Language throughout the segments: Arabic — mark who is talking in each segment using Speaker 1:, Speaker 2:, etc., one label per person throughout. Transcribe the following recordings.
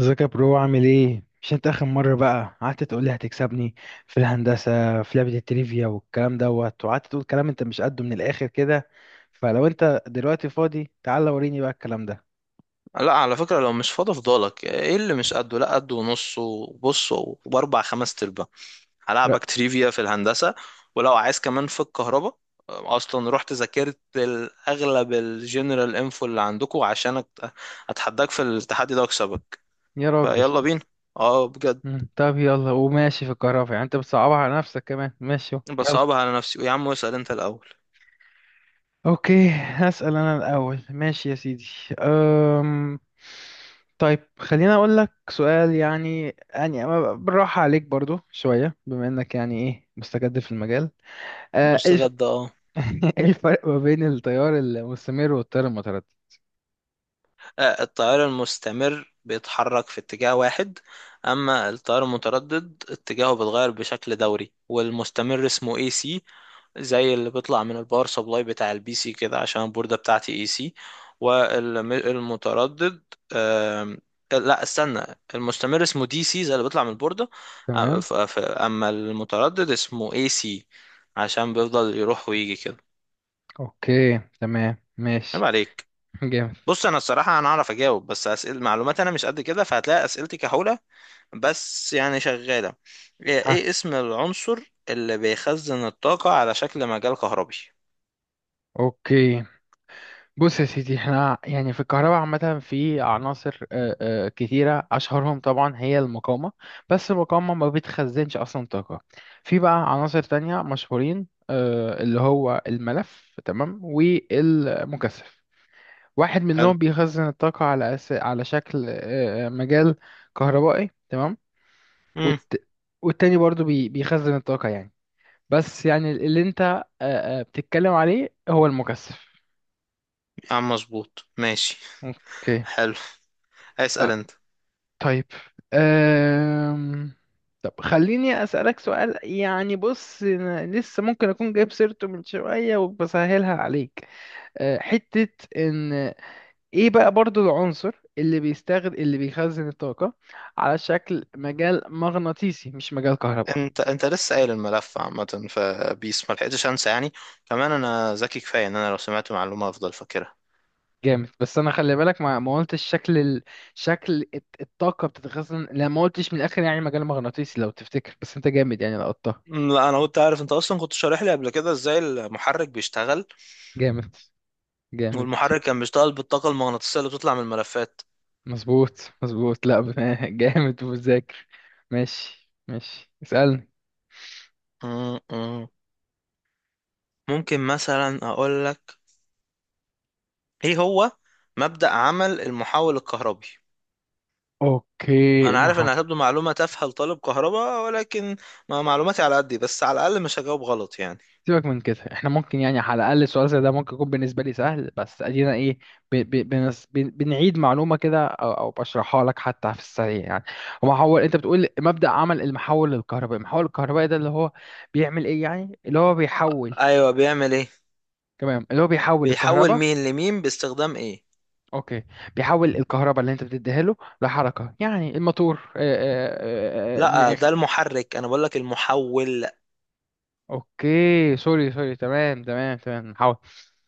Speaker 1: ازيك يا برو، عامل ايه؟ مش انت اخر مرة بقى قعدت تقول لي هتكسبني في الهندسة في لعبة التريفيا والكلام دوت، وقعدت تقول كلام انت مش قده من الاخر كده. فلو انت دلوقتي فاضي، تعالى وريني بقى الكلام ده.
Speaker 2: لا، على فكرة، لو مش فاضي فضالك ايه؟ اللي مش قده لا قده ونص وبص وباربع خمس تربة.
Speaker 1: لا
Speaker 2: هلعبك تريفيا في الهندسة. ولو عايز كمان في الكهرباء. اصلا رحت ذاكرت اغلب الجنرال انفو اللي عندكم عشان اتحداك في التحدي ده واكسبك.
Speaker 1: يا راجل.
Speaker 2: فيلا بينا. اه، بجد.
Speaker 1: طب يلا، وماشي في الكهرباء. يعني انت بتصعبها على نفسك كمان، ماشي يلا.
Speaker 2: بصعبها على نفسي يا عم، اسأل انت الاول.
Speaker 1: اوكي، هسأل انا الاول، ماشي يا سيدي. أم... طيب خليني اقول لك سؤال، يعني أما بالراحة عليك برضو شوية، بما انك يعني ايه، مستجد في المجال. أه، ايه الف-
Speaker 2: مستجد، اه.
Speaker 1: إيه الفرق ما بين التيار المستمر والتيار المتردد؟
Speaker 2: التيار المستمر بيتحرك في اتجاه واحد. أما التيار المتردد اتجاهه بيتغير بشكل دوري، والمستمر اسمه اي سي، زي اللي بيطلع من الباور سبلاي بتاع البي سي كده، عشان البوردة بتاعتي اي سي. والمتردد... آم، لا، استنى. المستمر اسمه دي سي، زي اللي بيطلع من البوردة.
Speaker 1: تمام.
Speaker 2: أما المتردد اسمه اي سي، عشان بيفضل يروح ويجي كده.
Speaker 1: اوكي تمام
Speaker 2: عيب
Speaker 1: ماشي.
Speaker 2: عليك.
Speaker 1: جامد.
Speaker 2: بص، انا الصراحه انا اعرف اجاوب، بس اسئله معلومات انا مش قد كده، فهتلاقي اسئلتي كحوله، بس يعني شغاله. ايه
Speaker 1: ها.
Speaker 2: إيه اسم العنصر اللي بيخزن الطاقه على شكل مجال كهربي؟
Speaker 1: اوكي، بص يا سيدي، احنا يعني في الكهرباء عامة في عناصر كتيرة، أشهرهم طبعا هي المقاومة. بس المقاومة ما بتخزنش أصلا طاقة. في بقى عناصر تانية مشهورين، اللي هو الملف، تمام، والمكثف. واحد
Speaker 2: حلو.
Speaker 1: منهم بيخزن الطاقة على على شكل مجال كهربائي، تمام.
Speaker 2: امم.
Speaker 1: والت... والتاني برضو بيخزن الطاقة يعني، بس يعني اللي انت بتتكلم عليه هو المكثف.
Speaker 2: يا عم مظبوط، ماشي.
Speaker 1: اوكي.
Speaker 2: حلو، اسال انت.
Speaker 1: طيب. أم... طب خليني أسألك سؤال، يعني بص أنا لسه ممكن أكون جايب سيرته من شوية وبسهلها عليك. أه، حتة إن إيه بقى برضو العنصر اللي بيستخدم، اللي بيخزن الطاقة على شكل مجال مغناطيسي، مش مجال كهرباء؟
Speaker 2: انت لسه قايل الملف عامه، فبيس ما لحقتش انسى يعني. كمان انا ذكي كفايه ان انا لو سمعت معلومه افضل فاكرها.
Speaker 1: جامد. بس أنا خلي بالك، ما قلتش شكل شكل الطاقة بتتخزن. لا، ما قلتش من الآخر يعني مجال مغناطيسي لو تفتكر. بس أنت جامد يعني، لقطتها.
Speaker 2: لا، انا كنت عارف. انت اصلا كنت شارح لي قبل كده ازاي المحرك بيشتغل،
Speaker 1: جامد. جامد.
Speaker 2: والمحرك كان بيشتغل بالطاقه المغناطيسيه اللي بتطلع من الملفات.
Speaker 1: مظبوط، مظبوط. لا جامد وذاكر. ماشي ماشي، اسألني.
Speaker 2: مم، مم. ممكن مثلا اقول لك، ايه هو مبدأ عمل المحول الكهربي؟
Speaker 1: اوكي،
Speaker 2: انا عارف انها هتبدو معلومة تافهة لطالب كهرباء، ولكن ما معلوماتي على قدي، بس على الاقل مش هجاوب غلط يعني.
Speaker 1: سيبك من كده. احنا ممكن يعني على الاقل السؤال زي ده ممكن يكون بالنسبه لي سهل، بس ادينا ايه ب ب بنس ب بنعيد معلومه كده أو بشرحها لك حتى في السريع يعني. ومحول، انت بتقول مبدأ عمل المحول الكهربائي. المحول الكهربائي ده اللي هو بيعمل ايه؟ يعني اللي هو بيحول.
Speaker 2: ايوه، بيعمل ايه.
Speaker 1: تمام، اللي هو بيحول
Speaker 2: بيحول
Speaker 1: الكهرباء.
Speaker 2: مين لمين باستخدام ايه؟
Speaker 1: اوكي، بيحول الكهرباء اللي انت بتديها له لحركه، يعني الموتور، من
Speaker 2: لا، ده
Speaker 1: الاخر.
Speaker 2: المحرك، انا بقول لك المحول.
Speaker 1: اوكي سوري سوري، تمام تمام تمام، محول.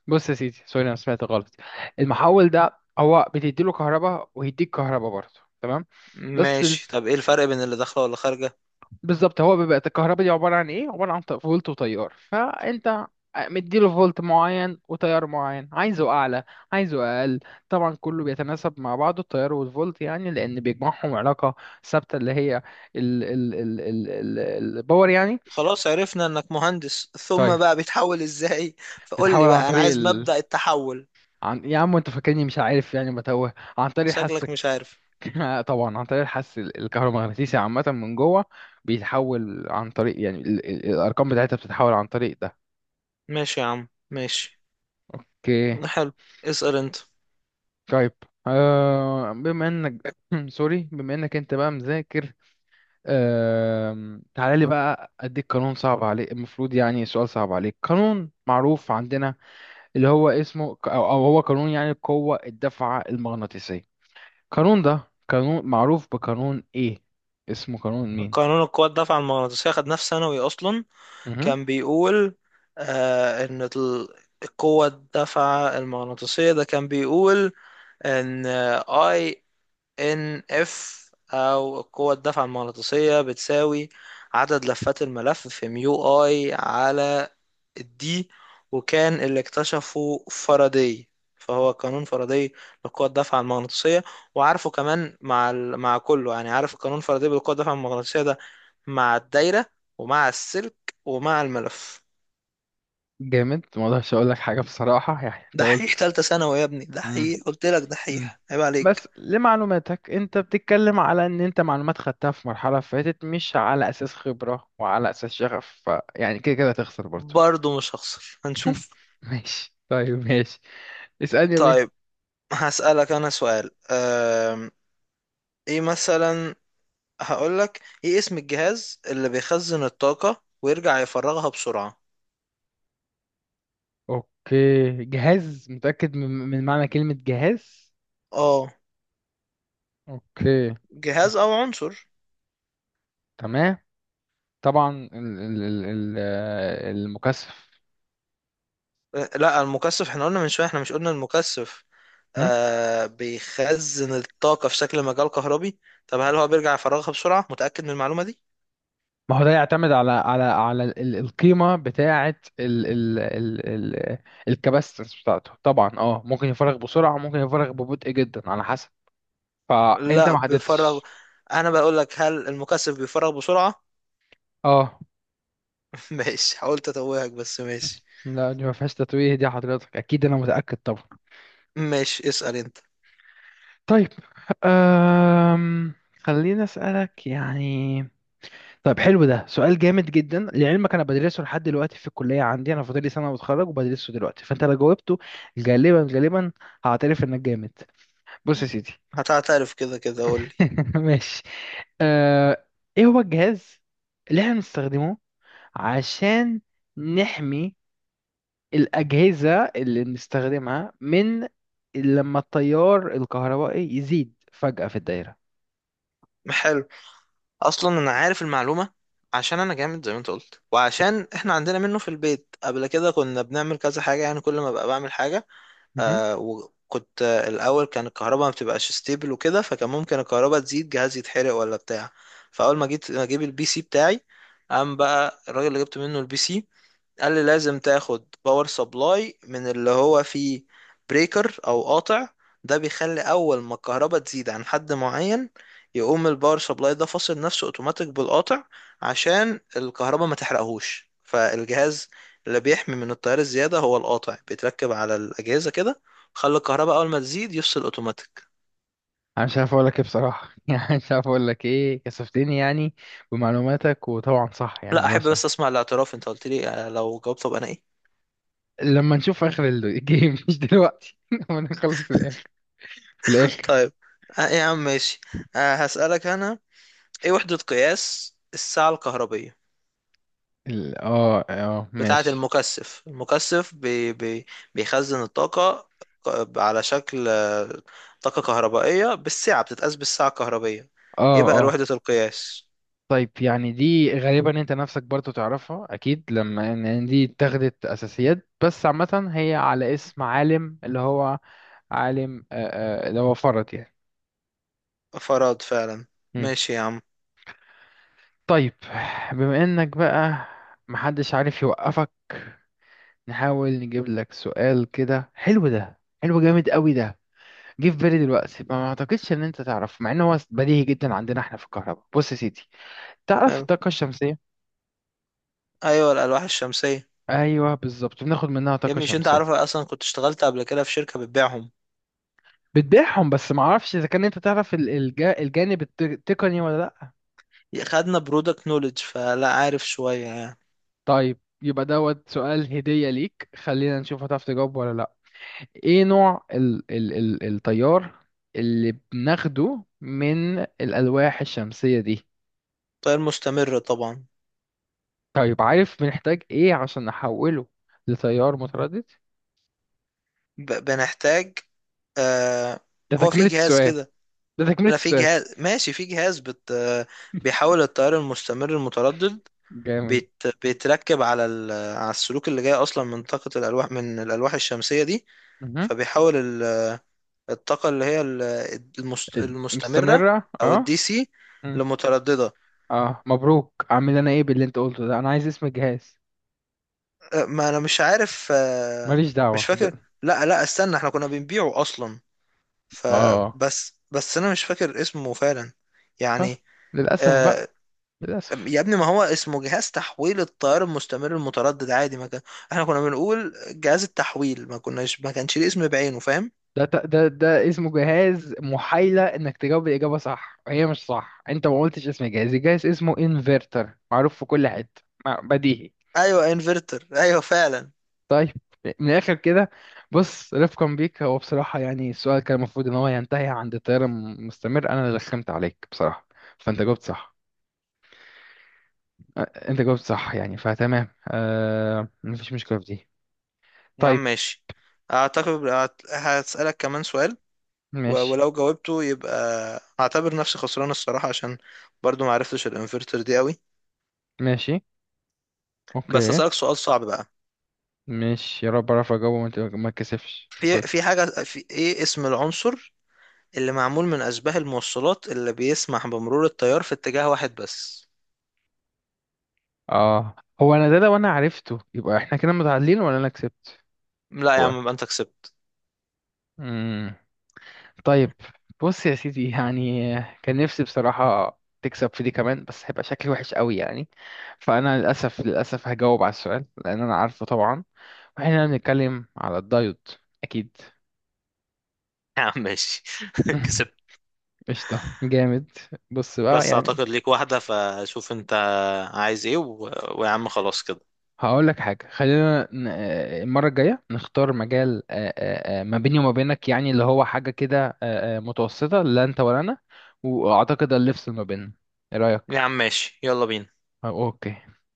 Speaker 1: بص يا سيدي، سوري، انا سمعت غلط. المحول ده هو بتدي له كهرباء ويديك كهرباء برضه، تمام. بس
Speaker 2: ماشي. طب ايه الفرق بين اللي داخله ولا خارجه؟
Speaker 1: بالظبط، هو بيبقى الكهرباء دي عبارة عن ايه؟ عبارة عن فولت وتيار. فانت مديله فولت معين وتيار معين، عايزه اعلى، عايزه اقل. طبعا كله بيتناسب مع بعضه التيار والفولت، يعني لان بيجمعهم علاقة ثابتة، اللي هي ال ال ال ال ال الباور يعني.
Speaker 2: خلاص، عرفنا انك مهندس. ثم
Speaker 1: طيب
Speaker 2: بقى بيتحول ازاي؟ فقول لي
Speaker 1: بتحاول عن
Speaker 2: بقى، انا
Speaker 1: طريق
Speaker 2: عايز
Speaker 1: ال
Speaker 2: مبدأ التحول.
Speaker 1: عن يا عم انت فاكرني مش عارف يعني متوه، عن طريق الحس
Speaker 2: شكلك مش عارف.
Speaker 1: طبعا عن طريق الحس الكهرومغناطيسي عامة من جوه. بيتحول عن طريق يعني الارقام بتاعتها بتتحول عن طريق ده.
Speaker 2: ماشي يا عم، ماشي.
Speaker 1: اوكي.
Speaker 2: حلو، اسأل انت.
Speaker 1: طيب. آه، بما انك سوري، بما انك انت بقى مذاكر، آه تعالى لي بقى اديك قانون صعب عليك، المفروض يعني سؤال صعب عليك. قانون معروف عندنا اللي هو اسمه ك- او أو هو قانون يعني قوة الدفعة المغناطيسية. القانون ده قانون معروف بقانون ايه؟ اسمه قانون مين؟
Speaker 2: قانون القوة الدافعة المغناطيسية، خد نفس ثانوي أصلا.
Speaker 1: مهم.
Speaker 2: كان بيقول إن القوة الدافعة المغناطيسية، ده كان بيقول إن، أي، إن إف، أو القوة الدافعة المغناطيسية، بتساوي عدد لفات الملف في ميو أي على الدي، وكان اللي اكتشفه فاراداي، فهو قانون فاراداي لقوة الدفعة المغناطيسية. وعارفه كمان مع كله يعني. عارف قانون فاراداي بالقوة الدفعة المغناطيسية ده مع الدايرة ومع السلك ومع الملف.
Speaker 1: جامد، ما اقدرش اقول لك حاجة بصراحة، يعني انت
Speaker 2: دحيح
Speaker 1: قلت.
Speaker 2: تالتة ثانوي يا ابني،
Speaker 1: مم.
Speaker 2: دحيح. قلت لك
Speaker 1: مم.
Speaker 2: دحيح، عيب عليك.
Speaker 1: بس لمعلوماتك، انت بتتكلم على ان انت معلومات خدتها في مرحلة فاتت، مش على اساس خبرة وعلى اساس شغف، فيعني كده كده هتخسر برضو.
Speaker 2: برضه مش هخسر، هنشوف.
Speaker 1: ماشي طيب، ماشي اسألني يا بيه.
Speaker 2: طيب هسألك أنا سؤال. ايه مثلا. هقولك ايه اسم الجهاز اللي بيخزن الطاقة ويرجع يفرغها بسرعة؟
Speaker 1: اوكي، جهاز؟ متأكد من معنى كلمة جهاز؟
Speaker 2: اه.
Speaker 1: اوكي،
Speaker 2: جهاز او عنصر.
Speaker 1: تمام. طبعا المكثف.
Speaker 2: لا، المكثف احنا قلنا من شويه. احنا مش قلنا المكثف، آه، بيخزن الطاقه في شكل مجال كهربي. طب هل هو بيرجع يفرغها بسرعه؟ متاكد من المعلومه دي؟
Speaker 1: ما هو ده يعتمد على القيمة بتاعة ال ال ال ال الكباستنس بتاعته طبعا. اه، ممكن يفرغ بسرعة ممكن يفرغ ببطء جدا، على حسب. فأنت
Speaker 2: لا،
Speaker 1: ما
Speaker 2: بيفرغ.
Speaker 1: حددتش.
Speaker 2: انا بقول لك، هل المكثف بيفرغ بسرعه؟
Speaker 1: اه.
Speaker 2: ماشي، حاولت اتوهك، بس ماشي.
Speaker 1: لا دي ما فيهاش تتويه دي، حضرتك أكيد أنا متأكد طبعا.
Speaker 2: ماشي، اسال انت.
Speaker 1: طيب. أم... خليني أسألك يعني. طيب حلو، ده سؤال جامد جدا لعلمك، أنا بدرسه لحد دلوقتي في الكلية، عندي أنا فاضلي سنة وأتخرج وبدرسه دلوقتي. فأنت لو جاوبته غالبا غالبا، هعترف إنك جامد. بص يا سيدي،
Speaker 2: هتعترف كده كده، قول لي.
Speaker 1: ماشي. آه، ايه هو الجهاز اللي احنا بنستخدمه عشان نحمي الأجهزة اللي بنستخدمها من لما التيار الكهربائي يزيد فجأة في الدايرة؟
Speaker 2: حلو. اصلا انا عارف المعلومه عشان انا جامد زي ما انت قلت، وعشان احنا عندنا منه في البيت. قبل كده كنا بنعمل كذا حاجه، يعني كل ما بقى بعمل حاجه.
Speaker 1: مهم.
Speaker 2: آه وكنت، الأول كان الكهرباء ما بتبقاش ستيبل وكده، فكان ممكن الكهرباء تزيد، جهاز يتحرق ولا بتاع. فأول ما جيت ما أجيب البي سي بتاعي، قام بقى الراجل اللي جبت منه البي سي قال لي لازم تاخد باور سبلاي من اللي هو فيه بريكر او قاطع. ده بيخلي اول ما الكهرباء تزيد عن حد معين، يقوم الباور سبلاي ده فاصل نفسه اوتوماتيك بالقاطع، عشان الكهرباء ما تحرقهوش فالجهاز. اللي بيحمي من التيار الزيادة هو القاطع، بيتركب على الأجهزة كده، خلي الكهرباء أول ما تزيد يفصل أوتوماتيك.
Speaker 1: انا مش عارف اقول لك ايه بصراحة، يعني مش عارف اقول لك ايه، كسفتني يعني بمعلوماتك. وطبعا صح يعني
Speaker 2: لا،
Speaker 1: ولا
Speaker 2: أحب
Speaker 1: صح؟
Speaker 2: بس أسمع الاعتراف. أنت قلت لي لو جاوبت أبقى أنا إيه.
Speaker 1: لما نشوف اخر الجيم مش دلوقتي. لما نخلص الاخر، في الاخر.
Speaker 2: طيب. يا عم ماشي. هسألك أنا، ايه وحدة قياس الساعة الكهربية
Speaker 1: اه اه
Speaker 2: بتاعة
Speaker 1: ماشي.
Speaker 2: المكثف؟ المكثف بي بي بيخزن الطاقة على شكل طاقة كهربائية، بالساعة، بتتقاس بالساعة الكهربية.
Speaker 1: اه
Speaker 2: ايه بقى
Speaker 1: اه،
Speaker 2: وحدة القياس؟
Speaker 1: طيب، يعني دي غالبا انت نفسك برضو تعرفها اكيد، لما إن دي اتخذت اساسيات، بس عامة هي على اسم عالم اللي هو عالم اللي هو فرد يعني.
Speaker 2: فراد فعلا.
Speaker 1: مم.
Speaker 2: ماشي يا عم.
Speaker 1: طيب، بما انك بقى محدش عارف يوقفك، نحاول نجيب لك سؤال كده حلو. ده حلو جامد قوي ده، جه في بالي دلوقتي. ما اعتقدش ان انت تعرف، مع ان هو بديهي جدا عندنا احنا في الكهرباء. بص يا سيدي، تعرف
Speaker 2: حلو.
Speaker 1: الطاقة الشمسية؟
Speaker 2: ايوه، الألواح الشمسية.
Speaker 1: ايوه بالظبط، بناخد منها
Speaker 2: يا
Speaker 1: طاقة
Speaker 2: ابني، مش انت
Speaker 1: شمسية.
Speaker 2: عارف أنا اصلا كنت اشتغلت قبل كده في شركة بتبيعهم؟
Speaker 1: بتبيعهم، بس ما اعرفش اذا كان انت تعرف الجانب التقني ولا لا.
Speaker 2: خدنا برودكت نولج، فلا عارف شوية يعني.
Speaker 1: طيب يبقى دوت سؤال هدية ليك، خلينا نشوف هتعرف تجاوب ولا لا. ايه نوع ال ال ال التيار اللي بناخده من الالواح الشمسية دي؟
Speaker 2: تغير مستمر طبعا.
Speaker 1: طيب، عارف بنحتاج ايه عشان نحوله لتيار متردد؟
Speaker 2: بنحتاج آه
Speaker 1: ده
Speaker 2: هو في
Speaker 1: تكملة
Speaker 2: جهاز
Speaker 1: السؤال.
Speaker 2: كده.
Speaker 1: ده تكملة
Speaker 2: لا، في
Speaker 1: السؤال.
Speaker 2: جهاز، ماشي، في جهاز بيحول التيار المستمر المتردد.
Speaker 1: جامد.
Speaker 2: بيتركب على ال... على السلوك اللي جاي اصلا من طاقة الالواح، من الالواح الشمسية دي.
Speaker 1: مهم.
Speaker 2: فبيحول الطاقة اللي هي المستمرة
Speaker 1: مستمرة
Speaker 2: او
Speaker 1: اه.
Speaker 2: الدي سي
Speaker 1: مم.
Speaker 2: لمترددة.
Speaker 1: اه، مبروك، اعمل انا ايه باللي انت قلته ده؟ انا عايز اسم الجهاز.
Speaker 2: ما انا مش عارف.
Speaker 1: ماليش
Speaker 2: مش
Speaker 1: دعوة.
Speaker 2: فاكر. لا، لا، استنى، احنا كنا بنبيعه اصلا،
Speaker 1: اه.
Speaker 2: فبس انا مش فاكر اسمه فعلا
Speaker 1: خلاص،
Speaker 2: يعني.
Speaker 1: للأسف بقى،
Speaker 2: أه، يا
Speaker 1: للأسف.
Speaker 2: ابني، ما هو اسمه جهاز تحويل التيار المستمر المتردد، عادي. ما كان احنا كنا بنقول جهاز التحويل، ما كانش ليه اسم بعينه، فاهم؟
Speaker 1: ده ت- ده ده اسمه جهاز محايلة انك تجاوب الإجابة صح وهي مش صح، انت ما قلتش اسم الجهاز، الجهاز اسمه انفرتر، معروف في كل حتة، بديهي.
Speaker 2: ايوه، انفرتر، ايوه فعلا.
Speaker 1: طيب، من الآخر كده، بص رفقا بيك، هو بصراحة يعني السؤال كان المفروض ان هو ينتهي عند التيار المستمر، انا اللي رخمت عليك بصراحة، فانت جاوبت صح. أ- انت جاوبت صح يعني، فتمام، آه، مفيش مشكلة في دي.
Speaker 2: يا عم
Speaker 1: طيب.
Speaker 2: ماشي. اعتقد هسألك كمان سؤال،
Speaker 1: ماشي
Speaker 2: ولو جاوبته يبقى هعتبر نفسي خسران الصراحة، عشان برضو ما عرفتش الانفرتر دي قوي.
Speaker 1: ماشي.
Speaker 2: بس
Speaker 1: اوكي.
Speaker 2: هسألك سؤال صعب بقى.
Speaker 1: مش يا رب اعرف اجاوبه، ما اتكسفش، قول.
Speaker 2: في ايه اسم العنصر اللي معمول من اشباه الموصلات اللي بيسمح بمرور التيار في اتجاه واحد بس؟
Speaker 1: اه. هو انا ده لو انا عرفته يبقى احنا كده متعادلين ولا انا كسبت؟
Speaker 2: لا يا
Speaker 1: هو.
Speaker 2: عم، يبقى انت كسبت.
Speaker 1: امم طيب، بص يا سيدي يعني، كان نفسي بصراحة تكسب في دي كمان، بس هيبقى شكلي وحش قوي يعني، فانا للاسف للاسف هجاوب على السؤال لان انا عارفه طبعا. واحنا بنتكلم على الدايت، اكيد.
Speaker 2: يا عم ماشي كسبت.
Speaker 1: قشطة، جامد. بص بقى
Speaker 2: بس
Speaker 1: يعني،
Speaker 2: اعتقد ليك واحدة، فشوف انت عايز ايه. ويا عم خلاص كده.
Speaker 1: هقول لك حاجة، خلينا المرة الجاية نختار مجال ما بيني وما بينك يعني، اللي هو حاجة كده متوسطة لا أنت ولا أنا. وأعتقد اللي يفصل ما بيننا، إيه رأيك؟
Speaker 2: يا عم ماشي، يلا بينا.
Speaker 1: آه، أوكي.